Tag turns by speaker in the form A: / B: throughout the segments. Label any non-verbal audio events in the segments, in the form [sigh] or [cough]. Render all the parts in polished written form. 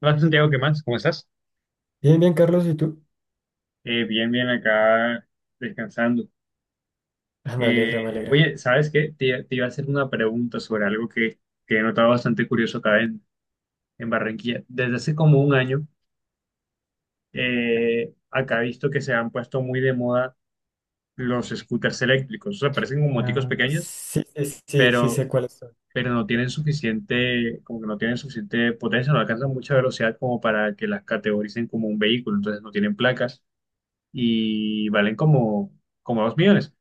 A: Hola Santiago, ¿qué más? ¿Cómo estás?
B: Bien, bien, Carlos, ¿y tú?
A: Bien, bien, acá descansando.
B: Ah, me
A: Eh,
B: alegra, me alegra.
A: Oye, ¿sabes qué? Te iba a hacer una pregunta sobre algo que he notado bastante curioso acá en Barranquilla. Desde hace como un año, acá he visto que se han puesto muy de moda los scooters eléctricos. O sea, parecen como moticos
B: Ah,
A: pequeños,
B: sí, sí, sí, sí sé
A: pero,
B: cuáles son.
A: pero no tienen suficiente, como que no tienen suficiente potencia, no alcanzan mucha velocidad como para que las categoricen como un vehículo. Entonces no tienen placas y valen como dos millones.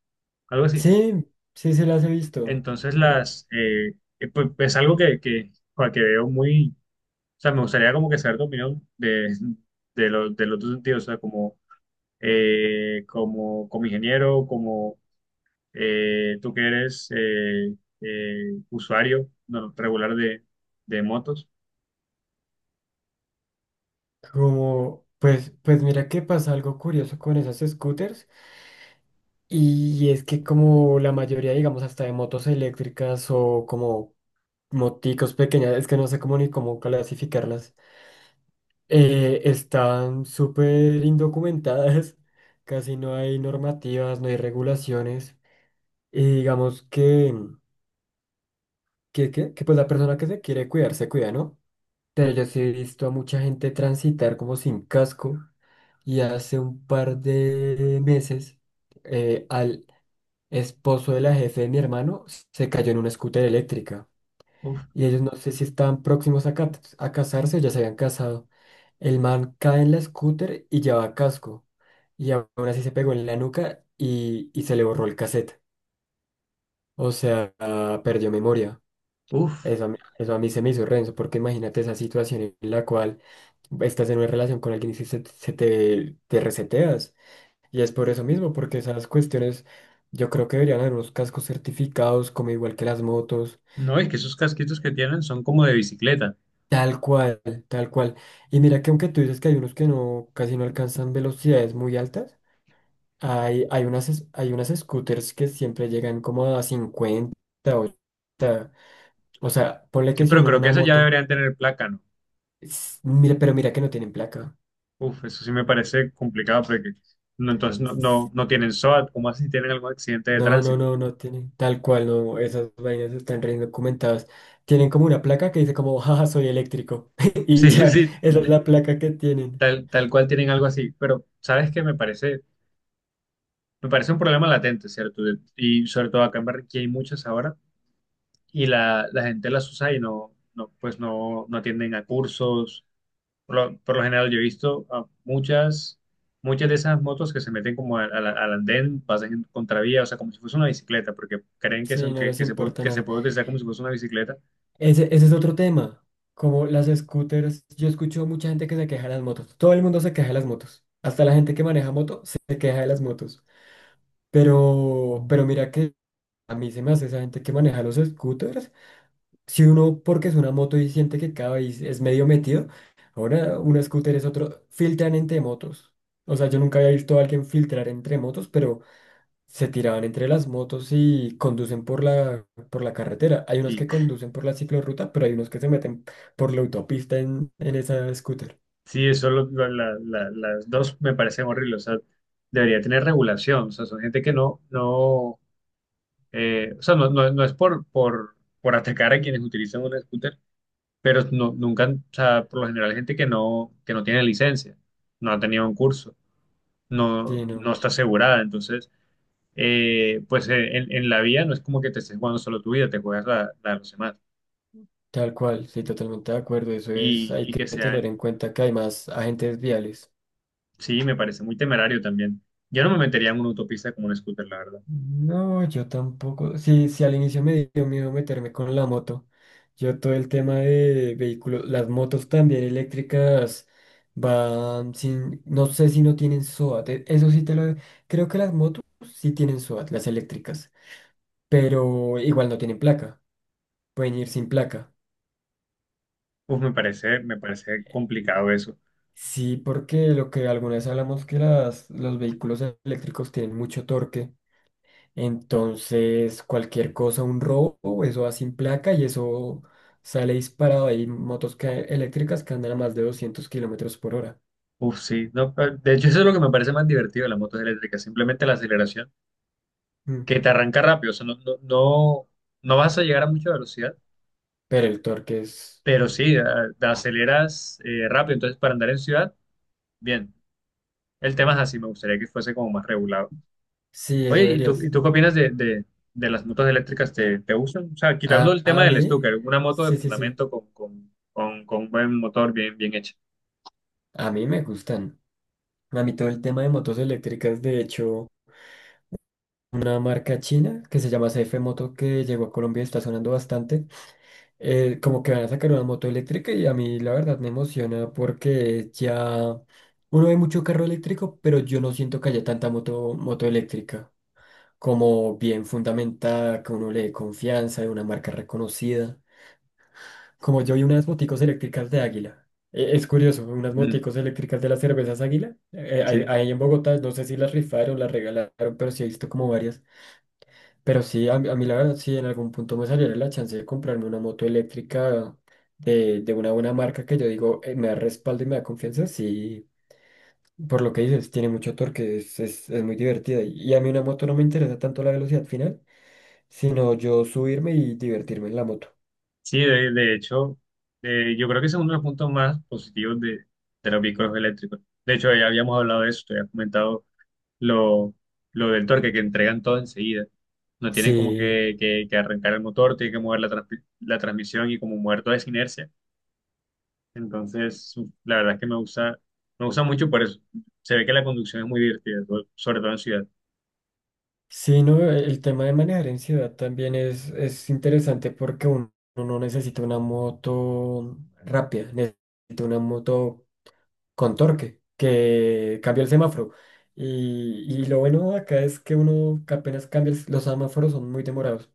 A: Algo así.
B: Sí, sí, se las he visto.
A: Entonces
B: Eh,
A: las, es algo que, joder, que veo muy, o sea, me gustaría como que saber tu opinión de los dos sentidos, o sea, como ingeniero, como tú que eres eh, usuario no, regular de motos.
B: pues mira que pasa algo curioso con esas scooters, y es que como la mayoría, digamos, hasta de motos eléctricas o como moticos pequeñas, es que no sé cómo ni cómo clasificarlas, están súper indocumentadas, [laughs] casi no hay normativas, no hay regulaciones, y digamos que que la persona que se quiere cuidar se cuida, ¿no? Pero yo sí he visto a mucha gente transitar como sin casco, y hace un par de meses al esposo de la jefe de mi hermano se cayó en una scooter eléctrica,
A: Uf,
B: y ellos no sé si estaban próximos a, a casarse, o ya se habían casado. El man cae en la scooter y lleva casco, y aún así se pegó en la nuca y se le borró el cassette. O sea, perdió memoria.
A: uf,
B: Eso a mí se me hizo renzo, porque imagínate esa situación en la cual estás en una relación con alguien y si se, se te, te reseteas. Y es por eso mismo, porque esas cuestiones, yo creo que deberían haber unos cascos certificados, como igual que las motos.
A: no, es que esos casquitos que tienen son como de bicicleta.
B: Tal cual, tal cual. Y mira que aunque tú dices que hay unos que no, casi no alcanzan velocidades muy altas, hay unas, hay unas scooters que siempre llegan como a cincuenta, 80. O sea, ponle
A: Sí,
B: que si
A: pero
B: uno en
A: creo que
B: una
A: esas ya
B: moto,
A: deberían tener placa, ¿no?
B: mira, pero mira que no tienen placa.
A: Uf, eso sí me parece complicado porque no, entonces no, no tienen SOAT, ¿cómo así tienen algún accidente de
B: No, no,
A: tránsito?
B: no,
A: [laughs]
B: no tienen. Tal cual, no. Esas vainas están re documentadas. Tienen como una placa que dice como, jaja, soy eléctrico. [laughs] Y
A: Sí,
B: ya,
A: sí,
B: esa es la placa que tienen.
A: tal cual tienen algo así, pero sabes que me parece un problema latente, ¿cierto? Y sobre todo acá en Barranquilla hay muchas ahora y la gente las usa y no, no pues no, no atienden a cursos. Por lo general yo he visto a muchas, muchas de esas motos que se meten como al andén, pasan en contravía, o sea, como si fuese una bicicleta, porque creen que,
B: Sí,
A: son,
B: no
A: que,
B: les importa
A: que se
B: nada.
A: puede utilizar como si fuese una bicicleta.
B: Ese es otro tema. Como las scooters, yo escucho mucha gente que se queja de las motos. Todo el mundo se queja de las motos. Hasta la gente que maneja moto se queja de las motos. Pero mira que a mí se me hace esa gente que maneja los scooters. Si uno porque es una moto y siente que cada vez es medio metido, ahora un scooter es otro, filtran entre motos. O sea, yo nunca había visto a alguien filtrar entre motos, pero se tiraban entre las motos y conducen por la carretera. Hay unos
A: Sí,
B: que conducen por la ciclorruta, pero hay unos que se meten por la autopista en esa scooter.
A: sí, eso lo- la- la- las dos me parecen horribles. O sea, debería tener regulación. O sea, son gente que no, o sea, no, no es por atacar a quienes utilizan un scooter, pero no, nunca, o sea, por lo general gente que no tiene licencia, no ha tenido un curso, no,
B: Sí, no,
A: no está asegurada. Entonces, en la vía no es como que te estés jugando solo tu vida, te juegas la de los demás.
B: tal cual, sí, totalmente de acuerdo. Eso es,
A: Y,
B: hay
A: y
B: que
A: que sean,
B: tener en cuenta que hay más agentes viales.
A: sí, me parece muy temerario también. Yo no me metería en una autopista como un scooter, la verdad.
B: No, yo tampoco. Sí, sí, al inicio me dio miedo meterme con la moto. Yo todo el tema de vehículos, las motos también eléctricas van sin, no sé si no tienen SOAT. Eso sí te lo, creo que las motos sí tienen SOAT, las eléctricas, pero igual no tienen placa, pueden ir sin placa.
A: Uf, me parece complicado eso.
B: Sí, porque lo que alguna vez hablamos, que las, los vehículos eléctricos tienen mucho torque. Entonces, cualquier cosa, un robo, eso va sin placa y eso sale disparado. Hay eléctricas que andan a más de 200 kilómetros por hora.
A: Uf, sí. No, de hecho, eso es lo que me parece más divertido de las motos eléctricas, simplemente la aceleración,
B: Mm.
A: que te arranca rápido. O sea, no, no vas a llegar a mucha velocidad,
B: Pero el torque es...
A: pero sí, te aceleras rápido. Entonces, para andar en ciudad, bien. El tema es así, me gustaría que fuese como más regulado.
B: Sí, eso
A: Oye, ¿y tú, y
B: deberías.
A: tú qué opinas de las motos eléctricas? ¿Te, te gustan? O sea, quitando el tema
B: A
A: del
B: mí,
A: Stuker, una moto de
B: sí, sí, sí.
A: fundamento con buen motor bien, bien hecha.
B: A mí me gustan. A mí todo el tema de motos eléctricas, de hecho, una marca china que se llama CF Moto que llegó a Colombia y está sonando bastante. Como que van a sacar una moto eléctrica, y a mí la verdad me emociona porque ya uno ve mucho carro eléctrico, pero yo no siento que haya tanta moto, moto eléctrica como bien fundamentada, que uno le dé confianza de una marca reconocida. Como yo vi unas moticos eléctricas de Águila. Es curioso, unas
A: Mm.
B: moticos eléctricas de las cervezas Águila. Ahí
A: Sí.
B: ahí en Bogotá, no sé si las rifaron, las regalaron, pero sí he visto como varias. Pero sí, a mí la verdad, sí, en algún punto me saliera la chance de comprarme una moto eléctrica de una buena marca que yo digo, me da respaldo y me da confianza, sí, por lo que dices, tiene mucho torque, es muy divertida. Y a mí una moto no me interesa tanto la velocidad final, sino yo subirme y divertirme en la moto.
A: Sí, de hecho, yo creo que ese es uno de los puntos más positivos de los vehículos eléctricos. De hecho, ya habíamos hablado de eso, te había comentado lo, lo del torque, que entregan todo enseguida. No tienen como
B: Sí,
A: que arrancar el motor, tienen que mover la transmisión y como mover toda esa inercia. Entonces, la verdad es que me gusta mucho por eso. Se ve que la conducción es muy divertida, sobre todo en ciudad.
B: sí, no, el tema de manejar en ciudad también es interesante porque uno, uno no necesita una moto rápida, necesita una moto con torque, que cambió el semáforo. Y lo bueno de acá es que uno que apenas cambia, los semáforos son muy demorados.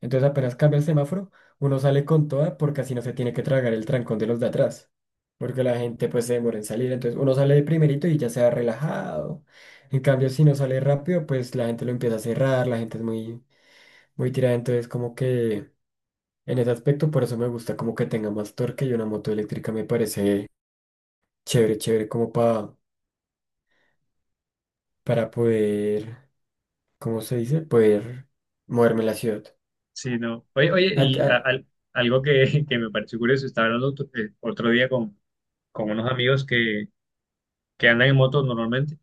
B: Entonces apenas cambia el semáforo, uno sale con toda porque así no se tiene que tragar el trancón de los de atrás. Porque la gente pues se demora en salir. Entonces uno sale de primerito y ya se va relajado. En cambio, si no sale rápido, pues la gente lo empieza a cerrar, la gente es muy, muy tirada. Entonces como que en ese aspecto por eso me gusta como que tenga más torque, y una moto eléctrica me parece chévere, chévere como para poder, ¿cómo se dice? Poder moverme en la ciudad.
A: Sí, no. Oye,
B: Ah,
A: y
B: ah,
A: algo que, [laughs] que me pareció curioso, estaba hablando otro otro día con unos amigos que andan en motos normalmente,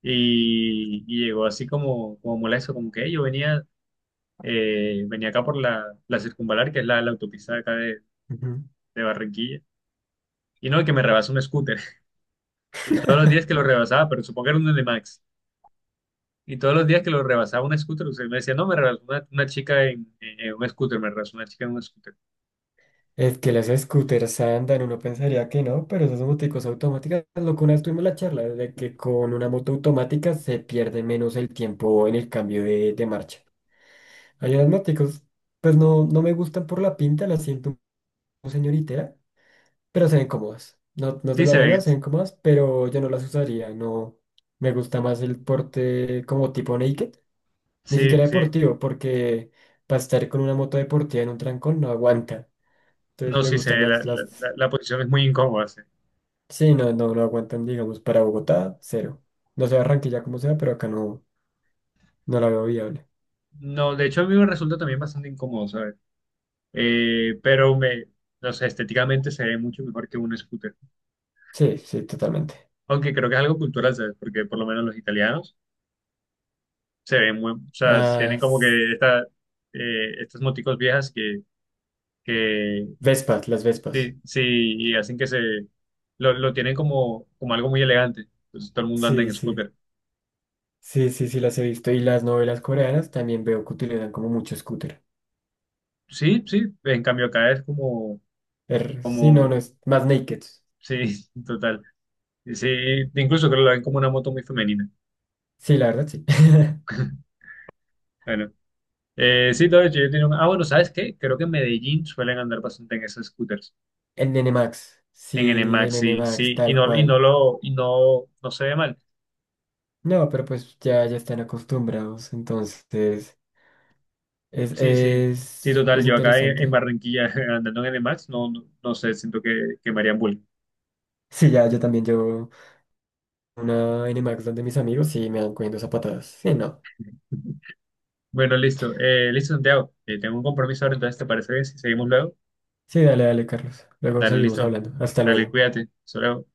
A: y llegó así como, como molesto, como que "Ey, yo venía, venía acá por la circunvalar, que es la autopista de acá
B: ujú.
A: de Barranquilla, y no, que me rebasa un scooter. [laughs] Todos los días que lo
B: [laughs]
A: rebasaba, pero supongo que era un de Max. Y todos los días que lo rebasaba un scooter, usted me decía, no, me rebasó una chica en un scooter, me rebasó una chica en un scooter.
B: Es que las scooters andan, uno pensaría que no, pero esas moticos automáticas, lo que una vez tuvimos la charla, de que con una moto automática se pierde menos el tiempo en el cambio de marcha. Hay unas moticos, pues no, no me gustan por la pinta, las siento un señoritera, pero se ven cómodas. No, no te
A: Sí
B: lo voy
A: se
B: a negar,
A: ve,
B: se ven cómodas, pero yo no las usaría, no. Me gusta más el porte como tipo naked. Ni
A: sí,
B: siquiera
A: sí.
B: deportivo, porque para estar con una moto deportiva en un trancón no aguanta. Entonces
A: No,
B: me
A: sí se
B: gustan
A: ve,
B: más las...
A: la posición es muy incómoda, sí.
B: Sí, no, no, no aguantan, digamos, para Bogotá, cero. No sé Barranquilla como sea, pero acá no, no la veo viable.
A: No, de hecho a mí me resulta también bastante incómodo, ¿sabes? Eh, pero me, no sé, estéticamente se ve mucho mejor que un scooter.
B: Sí, sí, totalmente.
A: Aunque creo que es algo cultural, ¿sabes? Porque por lo menos los italianos se ven muy, o sea,
B: Ah,
A: tienen como
B: s-
A: que esta, estas moticos viejas que
B: Vespas, las Vespas.
A: sí, sí, y hacen que se, lo tienen como algo muy elegante. Entonces todo el mundo anda
B: Sí,
A: en
B: sí,
A: scooter.
B: sí, sí, sí, las he visto. Y las novelas coreanas también veo que utilizan como mucho scooter.
A: Sí, sí, en cambio acá es como,
B: Sí, no, no
A: como,
B: es más naked.
A: sí, [laughs] total. Sí, incluso creo que lo ven como una moto muy femenina.
B: Sí, la verdad, sí. [laughs]
A: [laughs] Bueno. Sí, todo hecho, yo tenía un... Ah, bueno, ¿sabes qué? Creo que en Medellín suelen andar bastante en esos scooters,
B: En N N Max
A: en
B: sí, en
A: NMAX,
B: N N
A: sí,
B: Max
A: sí, y
B: tal
A: no,
B: cual.
A: y no, no se ve mal.
B: No, pero pues ya, ya están acostumbrados, entonces
A: Sí, sí, sí, total,
B: es
A: yo acá en
B: interesante.
A: Barranquilla [laughs] andando en NMAX, no, no, no sé, siento que me harían bullying.
B: Sí, ya, yo también llevo una Nmax donde mis amigos y me dan cogiendo zapatadas. Sí, no.
A: Bueno, listo, listo, Santiago, tengo un compromiso ahora, entonces, ¿te parece bien si seguimos luego?
B: Sí, dale, dale, Carlos. Luego
A: Dale,
B: seguimos
A: listo,
B: hablando. Hasta
A: dale,
B: luego.
A: cuídate, solo